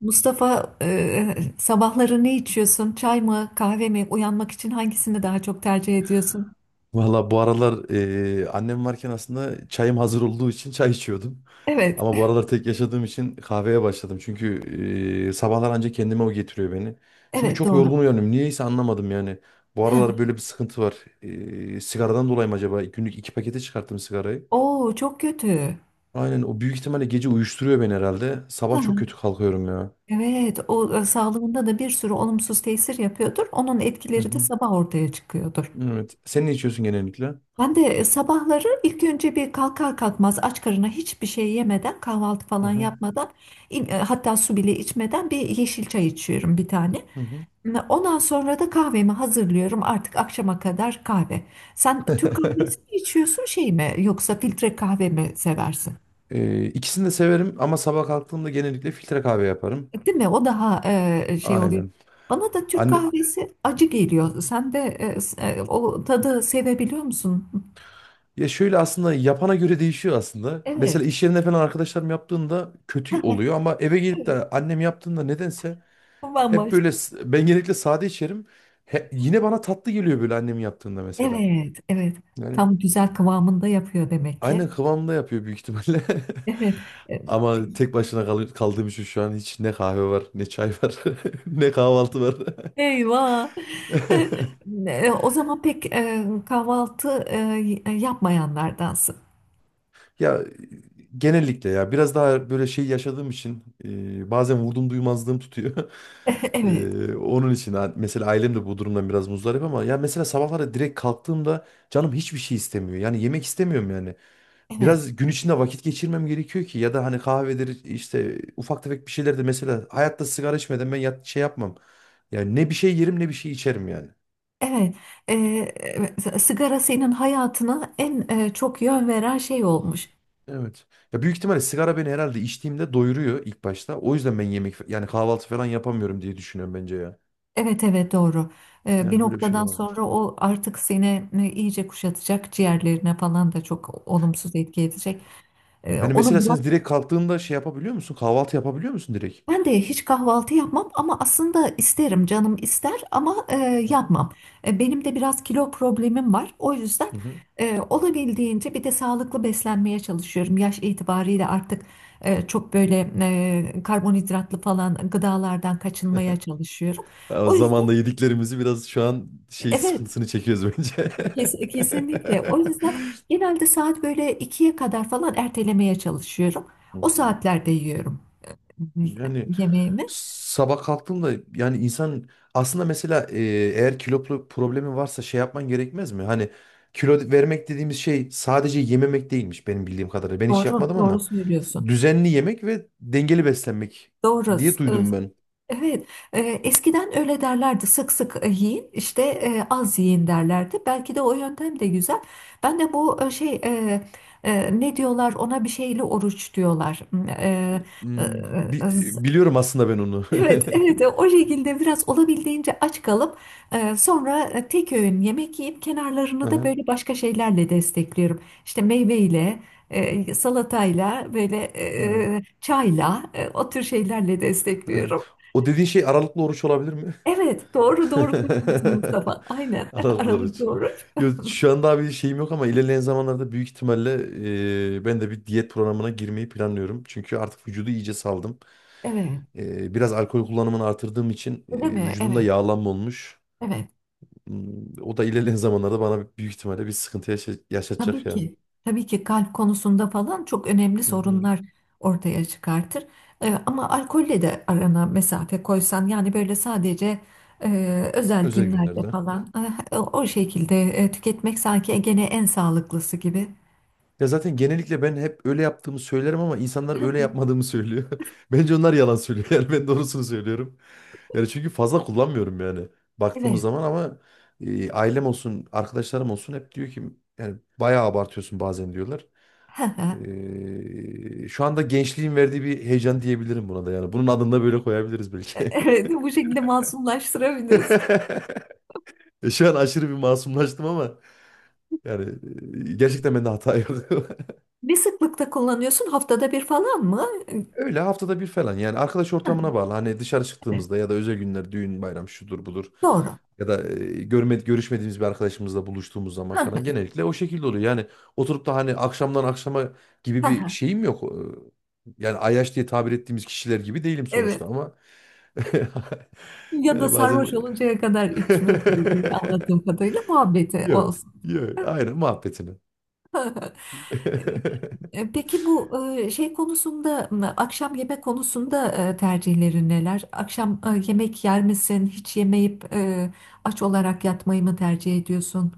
Mustafa, sabahları ne içiyorsun? Çay mı, kahve mi? Uyanmak için hangisini daha çok tercih ediyorsun? Valla bu aralar annem varken aslında çayım hazır olduğu için çay içiyordum. Evet, Ama bu aralar tek yaşadığım için kahveye başladım. Çünkü sabahlar ancak kendime o getiriyor beni. Çünkü evet çok doğru. yorgun uyanıyorum. Niyeyse anlamadım yani. Bu aralar böyle bir sıkıntı var. Sigaradan dolayı mı acaba? Günlük iki pakete çıkarttım sigarayı. Oo, çok kötü. Aynen o büyük ihtimalle gece uyuşturuyor beni herhalde. Sabah Ha, çok kötü kalkıyorum ya. evet, o sağlığında da bir sürü olumsuz tesir yapıyordur. Onun Hı etkileri de hı. sabah ortaya çıkıyordur. Evet. Sen ne içiyorsun genellikle? Ben de sabahları ilk önce bir kalkar kalkmaz aç karına hiçbir şey yemeden, kahvaltı Hı falan hı. yapmadan, hatta su bile içmeden bir yeşil çay içiyorum bir tane. Hı hı. Ondan sonra da kahvemi hazırlıyorum. Artık akşama kadar kahve. Sen Türk kahvesi mi içiyorsun, şey mi, yoksa filtre kahve mi seversin? İkisini de severim ama sabah kalktığımda genellikle filtre kahve yaparım. Değil mi? O daha şey oluyor. Aynen. Bana da Türk Anne, kahvesi acı geliyor. Sen de o tadı sevebiliyor musun? ya şöyle aslında yapana göre değişiyor aslında. Mesela Evet. iş yerinde falan arkadaşlarım yaptığında kötü oluyor ama eve gelip Evet. de annem yaptığında nedense hep böyle Bambaşka. Ben genellikle sade içerim. Yine bana tatlı geliyor böyle annem yaptığında mesela. Evet, evet. Yani Tam güzel kıvamında yapıyor demek ki. aynen kıvamında yapıyor büyük ihtimalle. Evet. E, Ama tek başına kaldığım için şu an hiç ne kahve var, ne çay var, ne kahvaltı var. Eyvah. Ne, o zaman pek kahvaltı yapmayanlardansın. Ya genellikle ya biraz daha böyle şey yaşadığım için bazen vurdum duymazlığım tutuyor. Evet, Onun için mesela ailem de bu durumdan biraz muzdarip ama ya mesela sabahları direkt kalktığımda canım hiçbir şey istemiyor. Yani yemek istemiyorum yani. evet, Biraz gün içinde vakit geçirmem gerekiyor ki ya da hani kahvedir işte ufak tefek bir şeyler de mesela hayatta sigara içmeden ben yat, şey yapmam. Yani ne bir şey yerim ne bir şey içerim yani. evet. E, Sigara senin hayatına en çok yön veren şey olmuş. Evet. Ya büyük ihtimalle sigara beni herhalde içtiğimde doyuruyor ilk başta. O yüzden ben yemek yani kahvaltı falan yapamıyorum diye düşünüyorum bence ya. Evet, evet, doğru. Bir Yani böyle bir şey de noktadan olabilir. sonra o artık seni iyice kuşatacak, ciğerlerine falan da çok olumsuz etki edecek. Yani mesela Onu bırak. sen direkt kalktığında şey yapabiliyor musun? Kahvaltı yapabiliyor musun direkt? Ben de hiç kahvaltı yapmam ama aslında isterim, canım ister ama Hı hı. yapmam. Benim de biraz kilo problemim var. O yüzden Hı hı. Olabildiğince bir de sağlıklı beslenmeye çalışıyorum. Yaş itibariyle artık çok böyle karbonhidratlı falan gıdalardan kaçınmaya çalışıyorum. Ya o O zaman da yüzden yediklerimizi biraz şu an şey evet, sıkıntısını çekiyoruz bence. Kesinlikle. O yüzden genelde saat böyle ikiye kadar falan ertelemeye çalışıyorum. Hı O hı. saatlerde yiyorum e, Yani yemeğimi. sabah kalktığımda yani insan aslında mesela eğer kilo problemi varsa şey yapman gerekmez mi? Hani kilo vermek dediğimiz şey sadece yememek değilmiş benim bildiğim kadarıyla. Ben hiç Doğru, yapmadım doğru ama söylüyorsun. düzenli yemek ve dengeli beslenmek Doğru. diye Ee, duydum ben. Evet. Eskiden öyle derlerdi. Sık sık yiyin, işte az yiyin derlerdi. Belki de o yöntem de güzel. Ben de bu şey, ne diyorlar ona, bir şeyli oruç diyorlar. Hmm, e, Hmm, e, bi- z- biliyorum aslında ben onu. evet, evet. O şekilde biraz olabildiğince aç kalıp sonra tek öğün yemek yiyip kenarlarını da Aha, böyle başka şeylerle destekliyorum. İşte meyveyle, salatayla, böyle evet, çayla, o tür şeylerle evet. destekliyorum. O dediğin şey aralıklı oruç olabilir Evet, doğru doğru söylüyorsun Mustafa. Aynen, Anadolu aralık Aruç. doğru. Yo, şu anda bir şeyim yok ama ilerleyen zamanlarda büyük ihtimalle ben de bir diyet programına girmeyi planlıyorum. Çünkü artık vücudu iyice saldım. Evet, Biraz alkol kullanımını artırdığım için değil mi? vücudumda Evet, yağlanma olmuş. evet. O da ilerleyen zamanlarda bana büyük ihtimalle bir sıkıntı Tabii yaşatacak yani. ki, tabii ki kalp konusunda falan çok önemli Hı hı. sorunlar ortaya çıkartır. Ama alkolle de arana mesafe koysan, yani böyle sadece özel Özel günlerde günlerde. falan o şekilde tüketmek sanki gene en sağlıklısı gibi. Ya zaten genellikle ben hep öyle yaptığımı söylerim ama insanlar öyle yapmadığımı söylüyor. Bence onlar yalan söylüyor. Yani ben doğrusunu söylüyorum. Yani çünkü fazla kullanmıyorum yani baktığımız Evet, zaman ama ailem olsun, arkadaşlarım olsun hep diyor ki yani bayağı abartıyorsun bazen diyorlar. Şu anda gençliğin verdiği bir heyecan diyebilirim buna da yani. Bunun adını da böyle koyabiliriz belki. evet, bu şekilde masumlaştırabiliriz. Şu an aşırı bir masumlaştım ama yani gerçekten bende hata yok. Ne sıklıkta kullanıyorsun? Haftada bir falan mı? Öyle haftada bir falan yani arkadaş ortamına bağlı. Hani dışarı Evet. çıktığımızda ya da özel günler, düğün, bayram şudur budur. Doğru. Ya da görüşmediğimiz bir arkadaşımızla buluştuğumuz zaman falan genellikle o şekilde oluyor. Yani oturup da hani akşamdan akşama gibi bir şeyim yok. Yani ayyaş diye tabir ettiğimiz kişiler gibi değilim sonuçta Evet. ama Ya da yani bazen sarhoş oluncaya kadar içmek gibi, anladığım kadarıyla muhabbeti yok olsun. yok aynen muhabbetini. E, Peki bu şey konusunda, akşam yemek konusunda tercihlerin neler? Akşam yemek yer misin? Hiç yemeyip, aç olarak yatmayı mı tercih ediyorsun?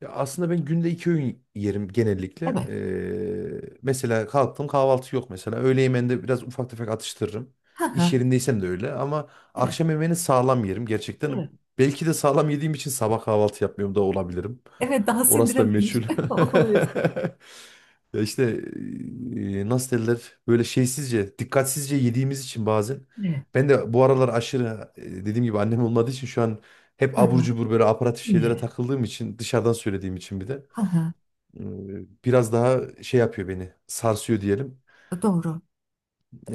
Ya aslında ben günde iki öğün yerim genellikle. Evet. Mesela kalktım kahvaltı yok mesela. Öğle yemeğinde biraz ufak tefek atıştırırım. Ha ha. İş yerindeysem de öyle ama Evet. akşam yemeğini sağlam yerim gerçekten. Evet. Belki de sağlam yediğim için sabah kahvaltı yapmıyorum da olabilirim. Evet, daha Orası da sindirememiş meçhul. oluyorsun. Ya işte nasıl derler böyle şeysizce, dikkatsizce yediğimiz için bazen. Ne? Ben de bu aralar aşırı dediğim gibi annem olmadığı için şu an hep Ha abur ha. cubur böyle aparatif Ne? şeylere takıldığım için dışarıdan söylediğim için bir de Ha ha. e, biraz daha şey yapıyor beni sarsıyor diyelim. Doğru.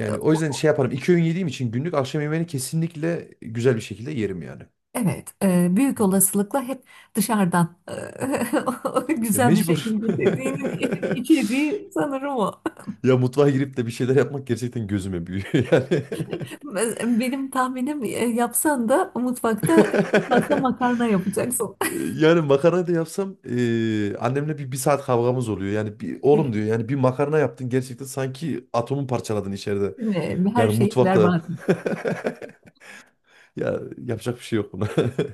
E, o yüzden o- şey yaparım iki öğün yediğim için günlük akşam yemeğini kesinlikle güzel bir şekilde yerim yani. Evet, büyük olasılıkla hep dışarıdan güzel bir Mecbur. şekilde dediğinin içeriği sanırım o. Ya mutfağa girip de bir şeyler yapmak gerçekten gözüme büyüyor yani. Benim tahminim yapsan da mutfakta en fazla makarna yapacaksın. Ee, Yani makarna da yapsam annemle bir saat kavgamız oluyor. Yani bir, oğlum Evet, diyor yani bir makarna yaptın gerçekten sanki atomu parçaladın içeride. değil mi? Her Yani şeyi mutfakta. berbat et. Ya yapacak bir şey yok buna.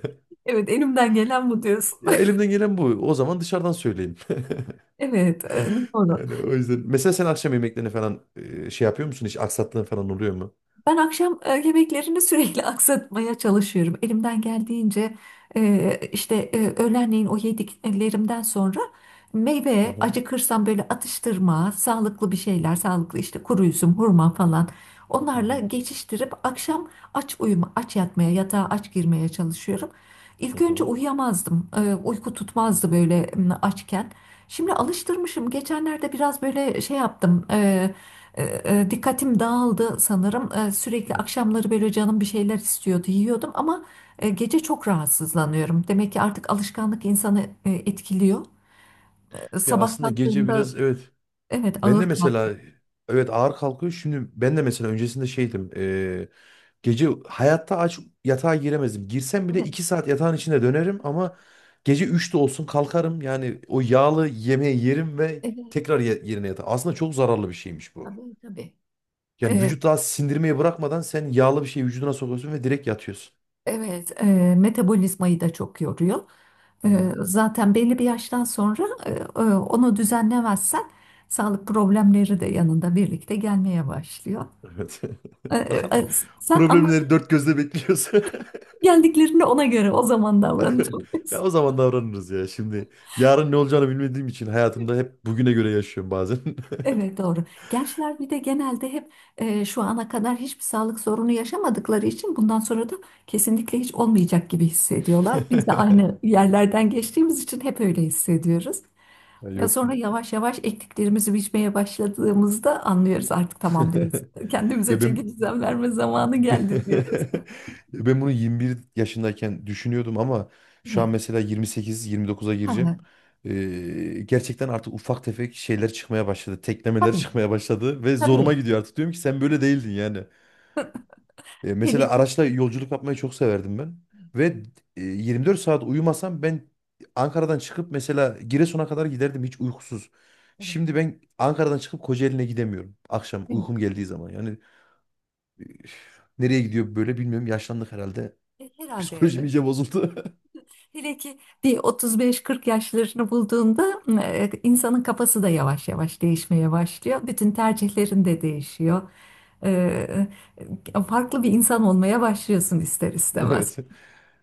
Evet, elimden gelen bu diyorsun. Ya elimden gelen bu. O zaman dışarıdan söyleyeyim. Evet, doğru. Yani o yüzden. Mesela sen akşam yemeklerini falan şey yapıyor musun? Hiç aksattığın falan oluyor mu? Ben akşam yemeklerini sürekli aksatmaya çalışıyorum. Elimden geldiğince işte öğlenleyin o yediklerimden sonra Hı meyve, hı. acıkırsam böyle atıştırma, sağlıklı bir şeyler, sağlıklı işte kuru üzüm, hurma falan, Hı onlarla hı. geçiştirip akşam aç uyuma, aç yatmaya, yatağa aç girmeye çalışıyorum. Hı İlk önce hı. uyuyamazdım. Uyku tutmazdı böyle, açken. Şimdi alıştırmışım. Geçenlerde biraz böyle şey yaptım. E, Dikkatim dağıldı sanırım. Sürekli hı. akşamları böyle canım bir şeyler istiyordu, yiyordum ama gece çok rahatsızlanıyorum. Demek ki artık alışkanlık insanı etkiliyor. Ya Sabah aslında gece kalktığımda biraz evet. evet, Ben de ağır mesela kalktım. evet ağır kalkıyor. Şimdi ben de mesela öncesinde şeydim. Gece hayatta aç yatağa giremezdim. Girsem bile Evet, 2 saat yatağın içinde dönerim ama gece üçte olsun kalkarım. Yani o yağlı yemeği yerim ve evet, tekrar yerine yatarım. Aslında çok zararlı bir şeymiş bu. tabii tabii. Yani E, vücut daha sindirmeyi bırakmadan sen yağlı bir şeyi vücuduna sokuyorsun ve direkt yatıyorsun. evet, metabolizmayı da çok yoruyor. Hani Zaten belli bir yaştan sonra onu düzenlemezsen sağlık problemleri de yanında birlikte gelmeye başlıyor. evet. E, e, Bakalım. e, sen Problemleri dört gözle bekliyorsun. Geldiklerinde ona göre o zaman Aynen. davranacağım Ya diyorsun. o zaman davranırız ya. Şimdi yarın ne olacağını bilmediğim için hayatımda hep bugüne göre yaşıyorum bazen. Evet doğru. Gençler bir de genelde hep şu ana kadar hiçbir sağlık sorunu yaşamadıkları için bundan sonra da kesinlikle hiç olmayacak gibi hissediyorlar. Biz de aynı yerlerden geçtiğimiz için hep öyle hissediyoruz. Ya Ya yok. sonra yavaş yavaş ektiklerimizi biçmeye başladığımızda anlıyoruz, artık tamam diyoruz. Kendimize Ya çeki ben düzen verme zamanı geldi diyoruz. Ya ben bunu 21 yaşındayken düşünüyordum ama şu an Evet. mesela 28-29'a Ha, gireceğim. ha. Gerçekten artık ufak tefek şeyler çıkmaya başladı. Teklemeler Tabii. çıkmaya başladı ve zoruma Tabii. gidiyor artık. Diyorum ki sen böyle değildin yani. Hele Mesela ki araçla yolculuk yapmayı çok severdim ben. Ve 24 saat uyumasam ben Ankara'dan çıkıp mesela Giresun'a kadar giderdim hiç uykusuz. Evet. Şimdi ben Ankara'dan çıkıp Kocaeli'ne gidemiyorum. Akşam Evet. uykum geldiği zaman. Yani üf, nereye gidiyor böyle bilmiyorum. Yaşlandık herhalde. Psikolojim Herhalde iyice bozuldu. hele ki bir 35-40 yaşlarını bulduğunda insanın kafası da yavaş yavaş değişmeye başlıyor. Bütün tercihlerin de değişiyor. E, Farklı bir insan olmaya başlıyorsun, ister istemez. Evet.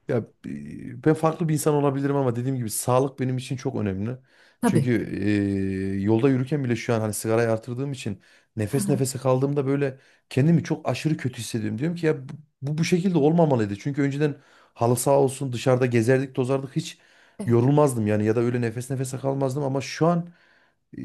Ya ben farklı bir insan olabilirim ama dediğim gibi sağlık benim için çok önemli. Çünkü Tabii. Yolda yürürken bile şu an hani sigarayı artırdığım için nefes nefese kaldığımda böyle kendimi çok aşırı kötü hissediyorum. Diyorum ki ya bu şekilde olmamalıydı. Çünkü önceden halı saha olsun dışarıda gezerdik tozardık hiç Evet. yorulmazdım yani ya da öyle nefes nefese kalmazdım ama şu an e,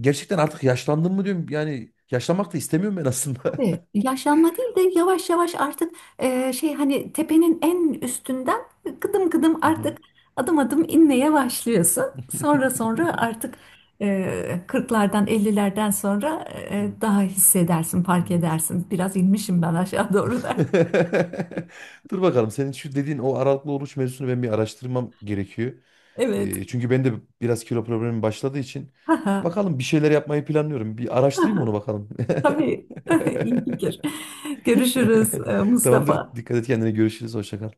gerçekten artık yaşlandım mı diyorum yani yaşlanmak da istemiyorum ben aslında. Tabii, yaşlanma değil de yavaş yavaş artık şey, hani tepenin en üstünden kıdım kıdım, Hı hı. artık adım adım inmeye başlıyorsun. Sonra sonra artık 40'lardan 50'lerden sonra daha hissedersin, fark Evet. edersin. Biraz inmişim ben aşağı doğru da. evet. Dur bakalım senin şu dediğin o aralıklı oruç mevzusunu ben bir araştırmam gerekiyor. Evet. Çünkü ben de biraz kilo problemim başladığı için bakalım bir şeyler yapmayı planlıyorum. Bir araştırayım onu bakalım. Tabii. İyi fikir. Görüşürüz, Tamamdır. Mustafa. Dikkat et kendine. Görüşürüz. Hoşça kal.